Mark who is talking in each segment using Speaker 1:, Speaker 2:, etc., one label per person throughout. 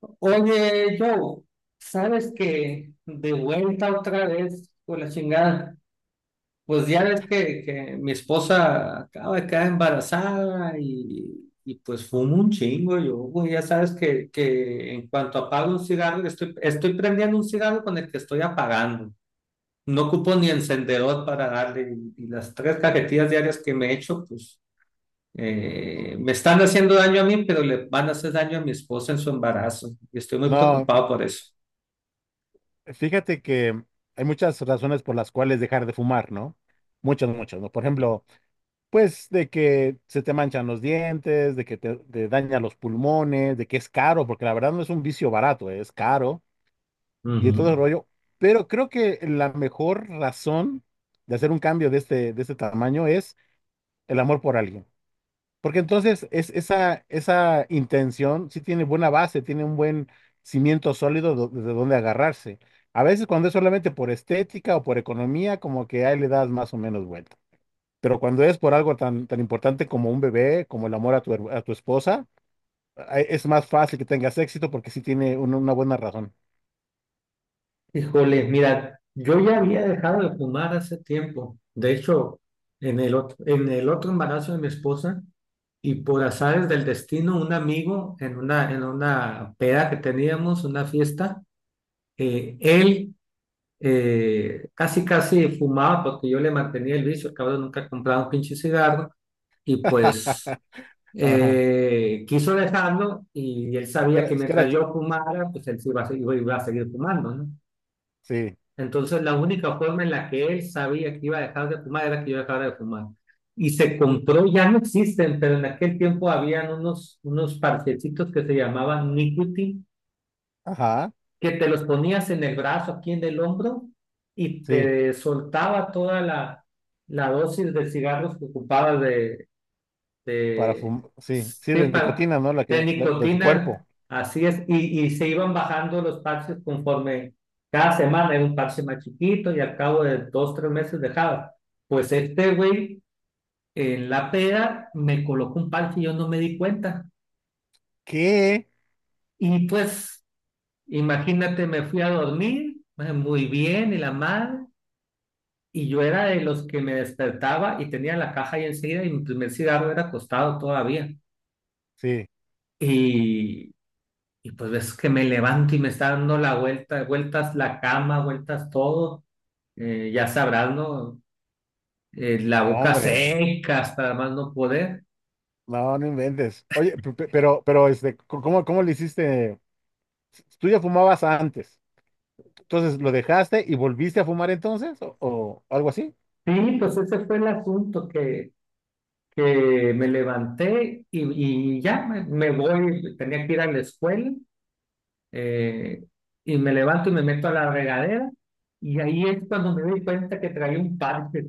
Speaker 1: Oye, Joe, ¿sabes que de vuelta otra vez con la chingada? Pues ya ves que mi esposa acaba de quedar embarazada y pues fumo un chingo yo, güey, ya sabes que en cuanto apago un cigarro, estoy prendiendo un cigarro con el que estoy apagando. No ocupo ni encendedor para darle y las tres cajetillas diarias que me he hecho, pues me están haciendo daño a mí, pero le van a hacer daño a mi esposa en su embarazo y estoy muy
Speaker 2: No,
Speaker 1: preocupado por eso.
Speaker 2: fíjate que hay muchas razones por las cuales dejar de fumar, ¿no? Muchas, muchas, ¿no? Por ejemplo, pues de que se te manchan los dientes, de que te daña los pulmones, de que es caro, porque la verdad no es un vicio barato, ¿eh? Es caro y
Speaker 1: Ujú.
Speaker 2: todo el rollo. Pero creo que la mejor razón de hacer un cambio de este tamaño es el amor por alguien. Porque entonces esa intención sí tiene buena base, tiene un buen cimiento sólido desde donde agarrarse. A veces cuando es solamente por estética o por economía, como que ahí le das más o menos vuelta. Pero cuando es por algo tan importante como un bebé, como el amor a a tu esposa, es más fácil que tengas éxito porque sí tiene una buena razón.
Speaker 1: Híjole, mira, yo ya había dejado de fumar hace tiempo. De hecho, en el otro embarazo de mi esposa y por azares del destino, un amigo en una peda que teníamos, una fiesta, él casi casi fumaba porque yo le mantenía el vicio, el cabrón nunca compraba un pinche cigarro y pues
Speaker 2: Ajá.
Speaker 1: quiso dejarlo y él sabía que
Speaker 2: Es que era
Speaker 1: mientras
Speaker 2: ch-
Speaker 1: yo fumara, pues él sí iba a seguir fumando, ¿no?
Speaker 2: sí,
Speaker 1: Entonces, la única forma en la que él sabía que iba a dejar de fumar era que yo dejara de fumar. Y se compró, ya no existen, pero en aquel tiempo habían unos parchecitos que se llamaban nicotine,
Speaker 2: ajá,
Speaker 1: que te los ponías en el brazo, aquí en el hombro, y
Speaker 2: sí,
Speaker 1: te soltaba toda la dosis de cigarros que ocupabas de,
Speaker 2: para
Speaker 1: de
Speaker 2: fumar, sí, sí, de
Speaker 1: cepa
Speaker 2: nicotina, ¿no?
Speaker 1: de
Speaker 2: De tu cuerpo.
Speaker 1: nicotina, así es, y se iban bajando los parches conforme cada semana era un parche más chiquito y al cabo de 2, 3 meses dejaba. Pues este güey en la peda me colocó un parche y yo no me di cuenta.
Speaker 2: ¿Qué?
Speaker 1: Y pues, imagínate, me fui a dormir muy bien y la madre, y yo era de los que me despertaba y tenía la caja ahí enseguida y mi primer cigarro era acostado todavía.
Speaker 2: Sí.
Speaker 1: Y Y pues ves que me levanto y me está dando la vuelta, vueltas la cama, vueltas todo. Ya sabrás, ¿no? La
Speaker 2: No,
Speaker 1: boca
Speaker 2: hombre,
Speaker 1: seca hasta más no poder.
Speaker 2: no, no inventes. Oye, pero, ¿cómo, cómo le hiciste? Tú ya fumabas antes, entonces lo dejaste y volviste a fumar entonces, o algo así.
Speaker 1: Sí, pues ese fue el asunto que me levanté y ya me voy, tenía que ir a la escuela eh, y me levanto y me meto a la regadera y ahí es cuando me doy cuenta que traía un parche.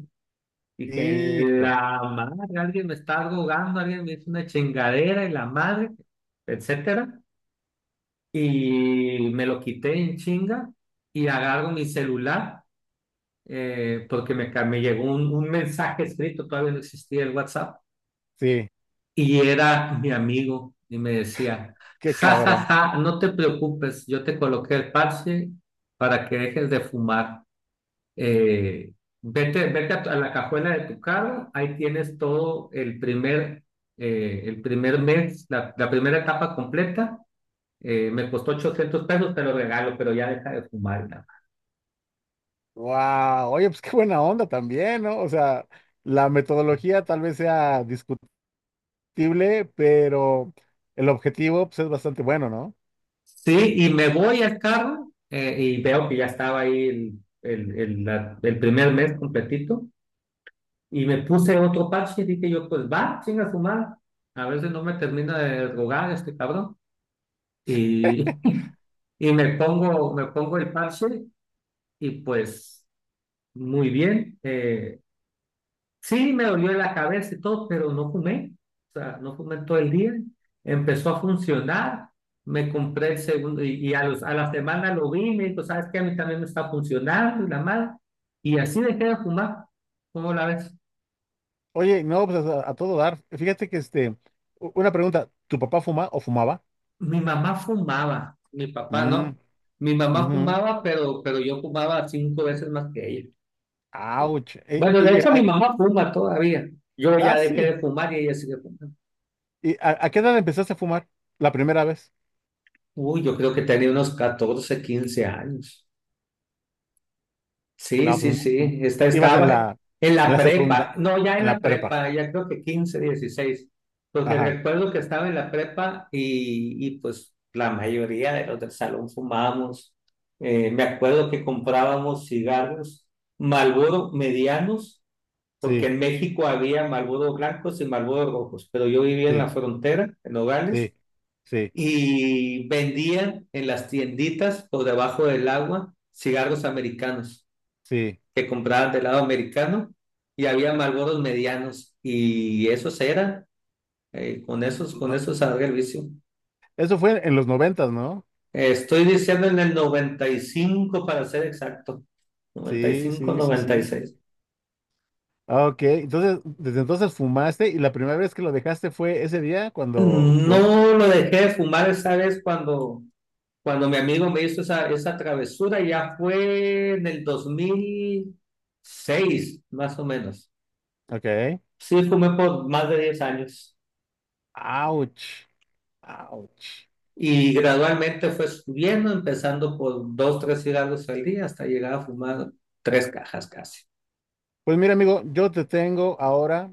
Speaker 1: Dije,
Speaker 2: Hijo,
Speaker 1: la madre, alguien me está rogando, alguien me hizo una chingadera y la madre, etcétera. Y me lo quité en chinga y agarro mi celular porque me llegó un mensaje escrito, todavía no existía el WhatsApp,
Speaker 2: sí,
Speaker 1: y era mi amigo y me decía,
Speaker 2: qué
Speaker 1: ja, ja,
Speaker 2: cabrón.
Speaker 1: ja, no te preocupes, yo te coloqué el parche para que dejes de fumar. Eh, vete a la cajuela de tu carro, ahí tienes todo el primer mes, la primera etapa completa. Me costó $800, te lo regalo, pero ya deja de fumar. Y nada más.
Speaker 2: Wow, oye, pues qué buena onda también, ¿no? O sea, la metodología tal vez sea discutible, pero el objetivo, pues, es bastante bueno, ¿no?
Speaker 1: Sí, y me voy al carro y veo que ya estaba ahí el primer mes completito. Y me puse otro parche y dije yo, pues va, chinga su madre. A veces no me termina de drogar este cabrón. Y, y me pongo el parche y pues muy bien. Sí, me dolió la cabeza y todo, pero no fumé. O sea, no fumé todo el día. Empezó a funcionar. Me compré el segundo y a la semana lo vi y me dijo, ¿sabes qué? A mí también me está funcionando y la madre. Y así dejé de fumar. ¿Cómo la ves?
Speaker 2: Oye, no, pues a todo dar. Fíjate que, una pregunta, ¿tu papá fuma o fumaba?
Speaker 1: Mi mamá fumaba, mi papá
Speaker 2: Mm,
Speaker 1: no. Mi mamá
Speaker 2: ujú.
Speaker 1: fumaba, pero yo fumaba cinco veces más que ella.
Speaker 2: Ouch.
Speaker 1: Bueno, de hecho mi mamá fuma todavía. Yo
Speaker 2: Ah,
Speaker 1: ya dejé de
Speaker 2: sí.
Speaker 1: fumar y ella sigue fumando.
Speaker 2: ¿Y a qué edad empezaste a fumar la primera vez?
Speaker 1: Uy, yo creo que tenía unos 14, 15 años. Sí,
Speaker 2: No,
Speaker 1: sí,
Speaker 2: pues no.
Speaker 1: sí. Esta
Speaker 2: Ibas
Speaker 1: estaba en
Speaker 2: en
Speaker 1: la
Speaker 2: la secunda,
Speaker 1: prepa. No, ya en
Speaker 2: en la
Speaker 1: la
Speaker 2: prepa.
Speaker 1: prepa, ya creo que 15, 16. Porque
Speaker 2: Ajá.
Speaker 1: recuerdo que estaba en la prepa y pues la mayoría de los del salón fumábamos. Me acuerdo que comprábamos cigarros Marlboro medianos, porque
Speaker 2: Sí,
Speaker 1: en México había Marlboro blancos y Marlboro rojos, pero yo vivía en
Speaker 2: sí,
Speaker 1: la frontera, en Nogales
Speaker 2: sí, sí,
Speaker 1: y vendían en las tienditas o debajo del agua cigarros americanos
Speaker 2: sí.
Speaker 1: que compraban del lado americano y había Marlboros medianos y esos eran, con esos, con
Speaker 2: No.
Speaker 1: esos salga el vicio.
Speaker 2: Eso fue en los noventas, ¿no?
Speaker 1: Estoy diciendo en el 95 para ser exacto, noventa noventa y
Speaker 2: Sí,
Speaker 1: cinco
Speaker 2: sí, sí,
Speaker 1: noventa y
Speaker 2: sí.
Speaker 1: seis
Speaker 2: Ah, ok, entonces, desde entonces fumaste y la primera vez que lo dejaste fue ese día cuando, cuando...
Speaker 1: No lo dejé de fumar esa vez cuando mi amigo me hizo esa travesura, ya fue en el 2006 más o menos.
Speaker 2: Ok.
Speaker 1: Sí, fumé por más de 10 años
Speaker 2: Ouch. Ouch.
Speaker 1: y gradualmente fue subiendo, empezando por dos, tres cigarros al día hasta llegar a fumar tres cajas casi.
Speaker 2: Pues mira, amigo, yo te tengo ahora.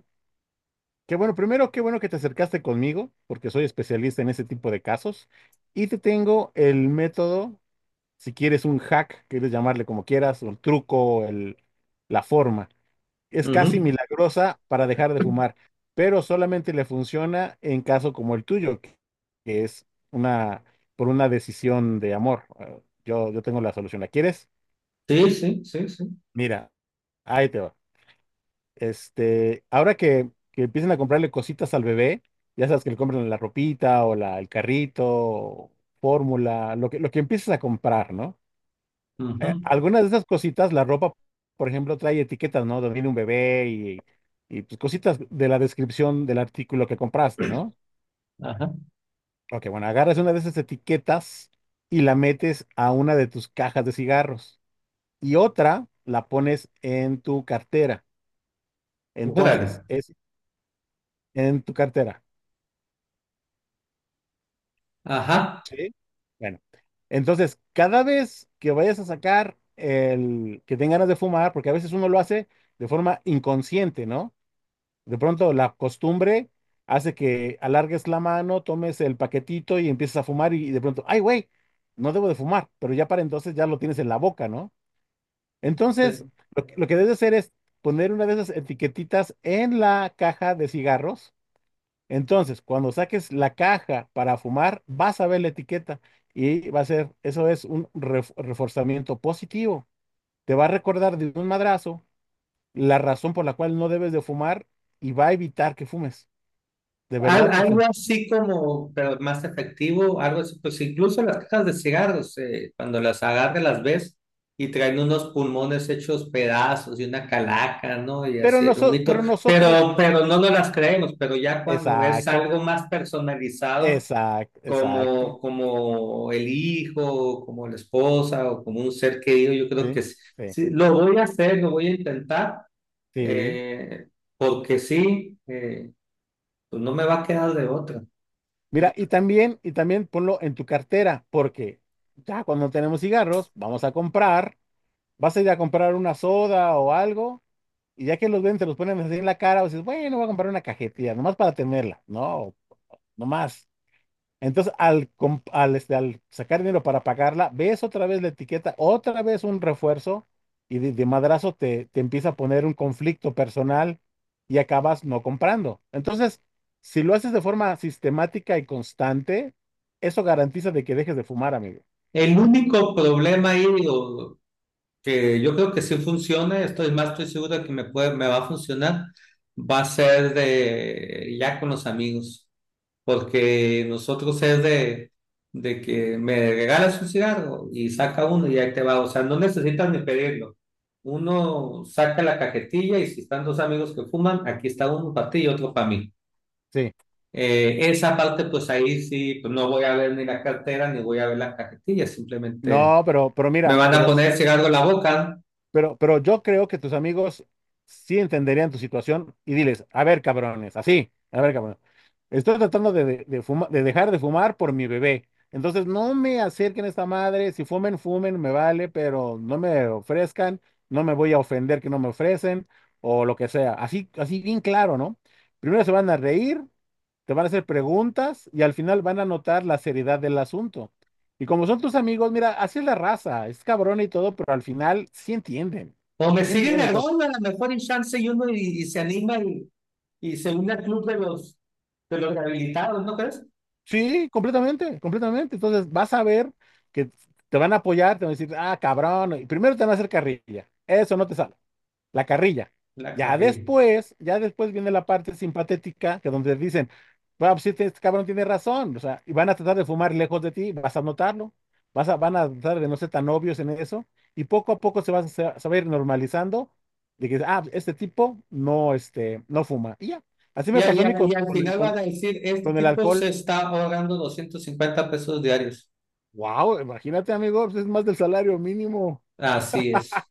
Speaker 2: Qué bueno, primero, qué bueno que te acercaste conmigo, porque soy especialista en ese tipo de casos. Y te tengo el método, si quieres un hack, quieres llamarle como quieras, o el truco, el, la forma. Es casi
Speaker 1: Ujú.
Speaker 2: milagrosa para dejar de fumar, pero solamente le funciona en caso como el tuyo, que es por una decisión de amor. Yo tengo la solución. ¿La quieres?
Speaker 1: Sí, sí, sí, sí.
Speaker 2: Mira, ahí te va. Ahora que empiecen a comprarle cositas al bebé, ya sabes que le compran la ropita o el carrito, fórmula, lo que empieces a comprar, ¿no?
Speaker 1: Ujú.
Speaker 2: Algunas de esas cositas, la ropa, por ejemplo, trae etiquetas, ¿no? Donde viene un bebé y pues cositas de la descripción del artículo que compraste, ¿no?
Speaker 1: Ajá.
Speaker 2: Ok, bueno, agarras una de esas etiquetas y la metes a una de tus cajas de cigarros y otra la pones en tu cartera.
Speaker 1: Órale.
Speaker 2: Entonces, es en tu cartera.
Speaker 1: Ajá.
Speaker 2: Sí. Bueno, entonces, cada vez que vayas a sacar el que tengas ganas de fumar, porque a veces uno lo hace de forma inconsciente, ¿no? De pronto la costumbre hace que alargues la mano, tomes el paquetito y empieces a fumar y de pronto, ay, güey, no debo de fumar, pero ya para entonces ya lo tienes en la boca, ¿no? Entonces,
Speaker 1: Sí.
Speaker 2: lo que debes hacer es poner una de esas etiquetitas en la caja de cigarros. Entonces, cuando saques la caja para fumar, vas a ver la etiqueta y va a ser, eso es un reforzamiento positivo. Te va a recordar de un madrazo la razón por la cual no debes de fumar y va a evitar que fumes. De verdad que
Speaker 1: Algo
Speaker 2: funciona.
Speaker 1: así como, pero más efectivo, algo así, pues incluso las cajas de cigarros, cuando las agarras las ves y traen unos pulmones hechos pedazos y una calaca, ¿no? Y
Speaker 2: Pero,
Speaker 1: así el humito,
Speaker 2: pero nosotros,
Speaker 1: pero no nos las creemos, pero ya cuando es
Speaker 2: exacto,
Speaker 1: algo más personalizado,
Speaker 2: exacto,
Speaker 1: como,
Speaker 2: exacto.
Speaker 1: como el hijo, o como la esposa, o como un ser querido, yo creo que
Speaker 2: Sí,
Speaker 1: sí,
Speaker 2: sí,
Speaker 1: sí, lo voy a hacer, lo voy a intentar,
Speaker 2: sí.
Speaker 1: eh, porque sí, pues no me va a quedar de otra.
Speaker 2: Mira, y también ponlo en tu cartera, porque ya cuando tenemos cigarros, vamos a comprar, vas a ir a comprar una soda o algo. Y ya que los ven, se los ponen así en la cara, o dices, bueno, voy a comprar una cajetilla, nomás para tenerla. No, nomás. Entonces, al, al sacar dinero para pagarla, ves otra vez la etiqueta, otra vez un refuerzo, y de madrazo te empieza a poner un conflicto personal y acabas no comprando. Entonces, si lo haces de forma sistemática y constante, eso garantiza de que dejes de fumar, amigo.
Speaker 1: El único problema ahí, o que yo creo que sí funciona, estoy seguro de que me va a funcionar, va a ser de ya con los amigos, porque nosotros es de que me regalas un cigarro y saca uno y ahí te va, o sea, no necesitas ni pedirlo. Uno saca la cajetilla y si están dos amigos que fuman, aquí está uno para ti y otro para mí.
Speaker 2: Sí.
Speaker 1: Esa parte, pues ahí sí, pues no voy a ver ni la cartera ni voy a ver la cajetilla, simplemente
Speaker 2: No, pero
Speaker 1: me
Speaker 2: mira,
Speaker 1: van a
Speaker 2: pero
Speaker 1: poner cigarro en la boca.
Speaker 2: Pero, pero yo creo que tus amigos sí entenderían tu situación y diles, a ver, cabrones, así, a ver, cabrones, estoy tratando de de dejar de fumar por mi bebé. Entonces no me acerquen a esta madre, si fumen, fumen, me vale, pero no me ofrezcan, no me voy a ofender que no me ofrecen o lo que sea. Así, así bien claro, ¿no? Primero se van a reír, te van a hacer preguntas y al final van a notar la seriedad del asunto. Y como son tus amigos, mira, así es la raza, es cabrón y todo, pero al final sí entienden,
Speaker 1: O me
Speaker 2: sí
Speaker 1: siguen
Speaker 2: entienden.
Speaker 1: el
Speaker 2: Entonces,
Speaker 1: gol, a lo mejor en chance y uno y se anima y se une al club de los, rehabilitados, ¿no crees?
Speaker 2: sí, completamente, completamente. Entonces vas a ver que te van a apoyar, te van a decir, ah, cabrón, y primero te van a hacer carrilla, eso no te sale. La carrilla.
Speaker 1: La carrilla.
Speaker 2: Ya después viene la parte simpatética, que donde dicen, bueno, pues sí, este cabrón tiene razón, o sea, y van a tratar de fumar lejos de ti, vas a notarlo, van a tratar de no ser tan obvios en eso, y poco a poco se va a ir normalizando, de que, ah, pues, este tipo no, este, no fuma, y ya. Así
Speaker 1: Y,
Speaker 2: me
Speaker 1: y
Speaker 2: pasó a mí
Speaker 1: y al final van a decir, este
Speaker 2: con el
Speaker 1: tipo
Speaker 2: alcohol.
Speaker 1: se está ahorrando $250 diarios.
Speaker 2: Wow, imagínate, amigo, pues es más del salario mínimo.
Speaker 1: Así es.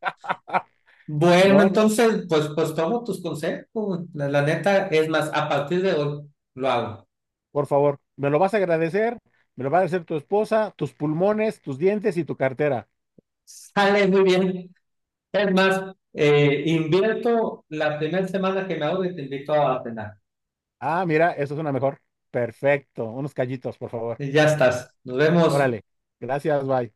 Speaker 1: Bueno,
Speaker 2: No, no.
Speaker 1: entonces, pues tomo tus consejos. La neta, es más, a partir de hoy lo hago.
Speaker 2: Por favor, me lo vas a agradecer, me lo va a agradecer tu esposa, tus pulmones, tus dientes y tu cartera.
Speaker 1: Sale muy bien. Es más, invierto la primera semana que me hago y te invito a cenar.
Speaker 2: Ah, mira, eso es una mejor. Perfecto, unos callitos, por favor.
Speaker 1: Ya estás. Nos vemos.
Speaker 2: Órale, gracias, bye.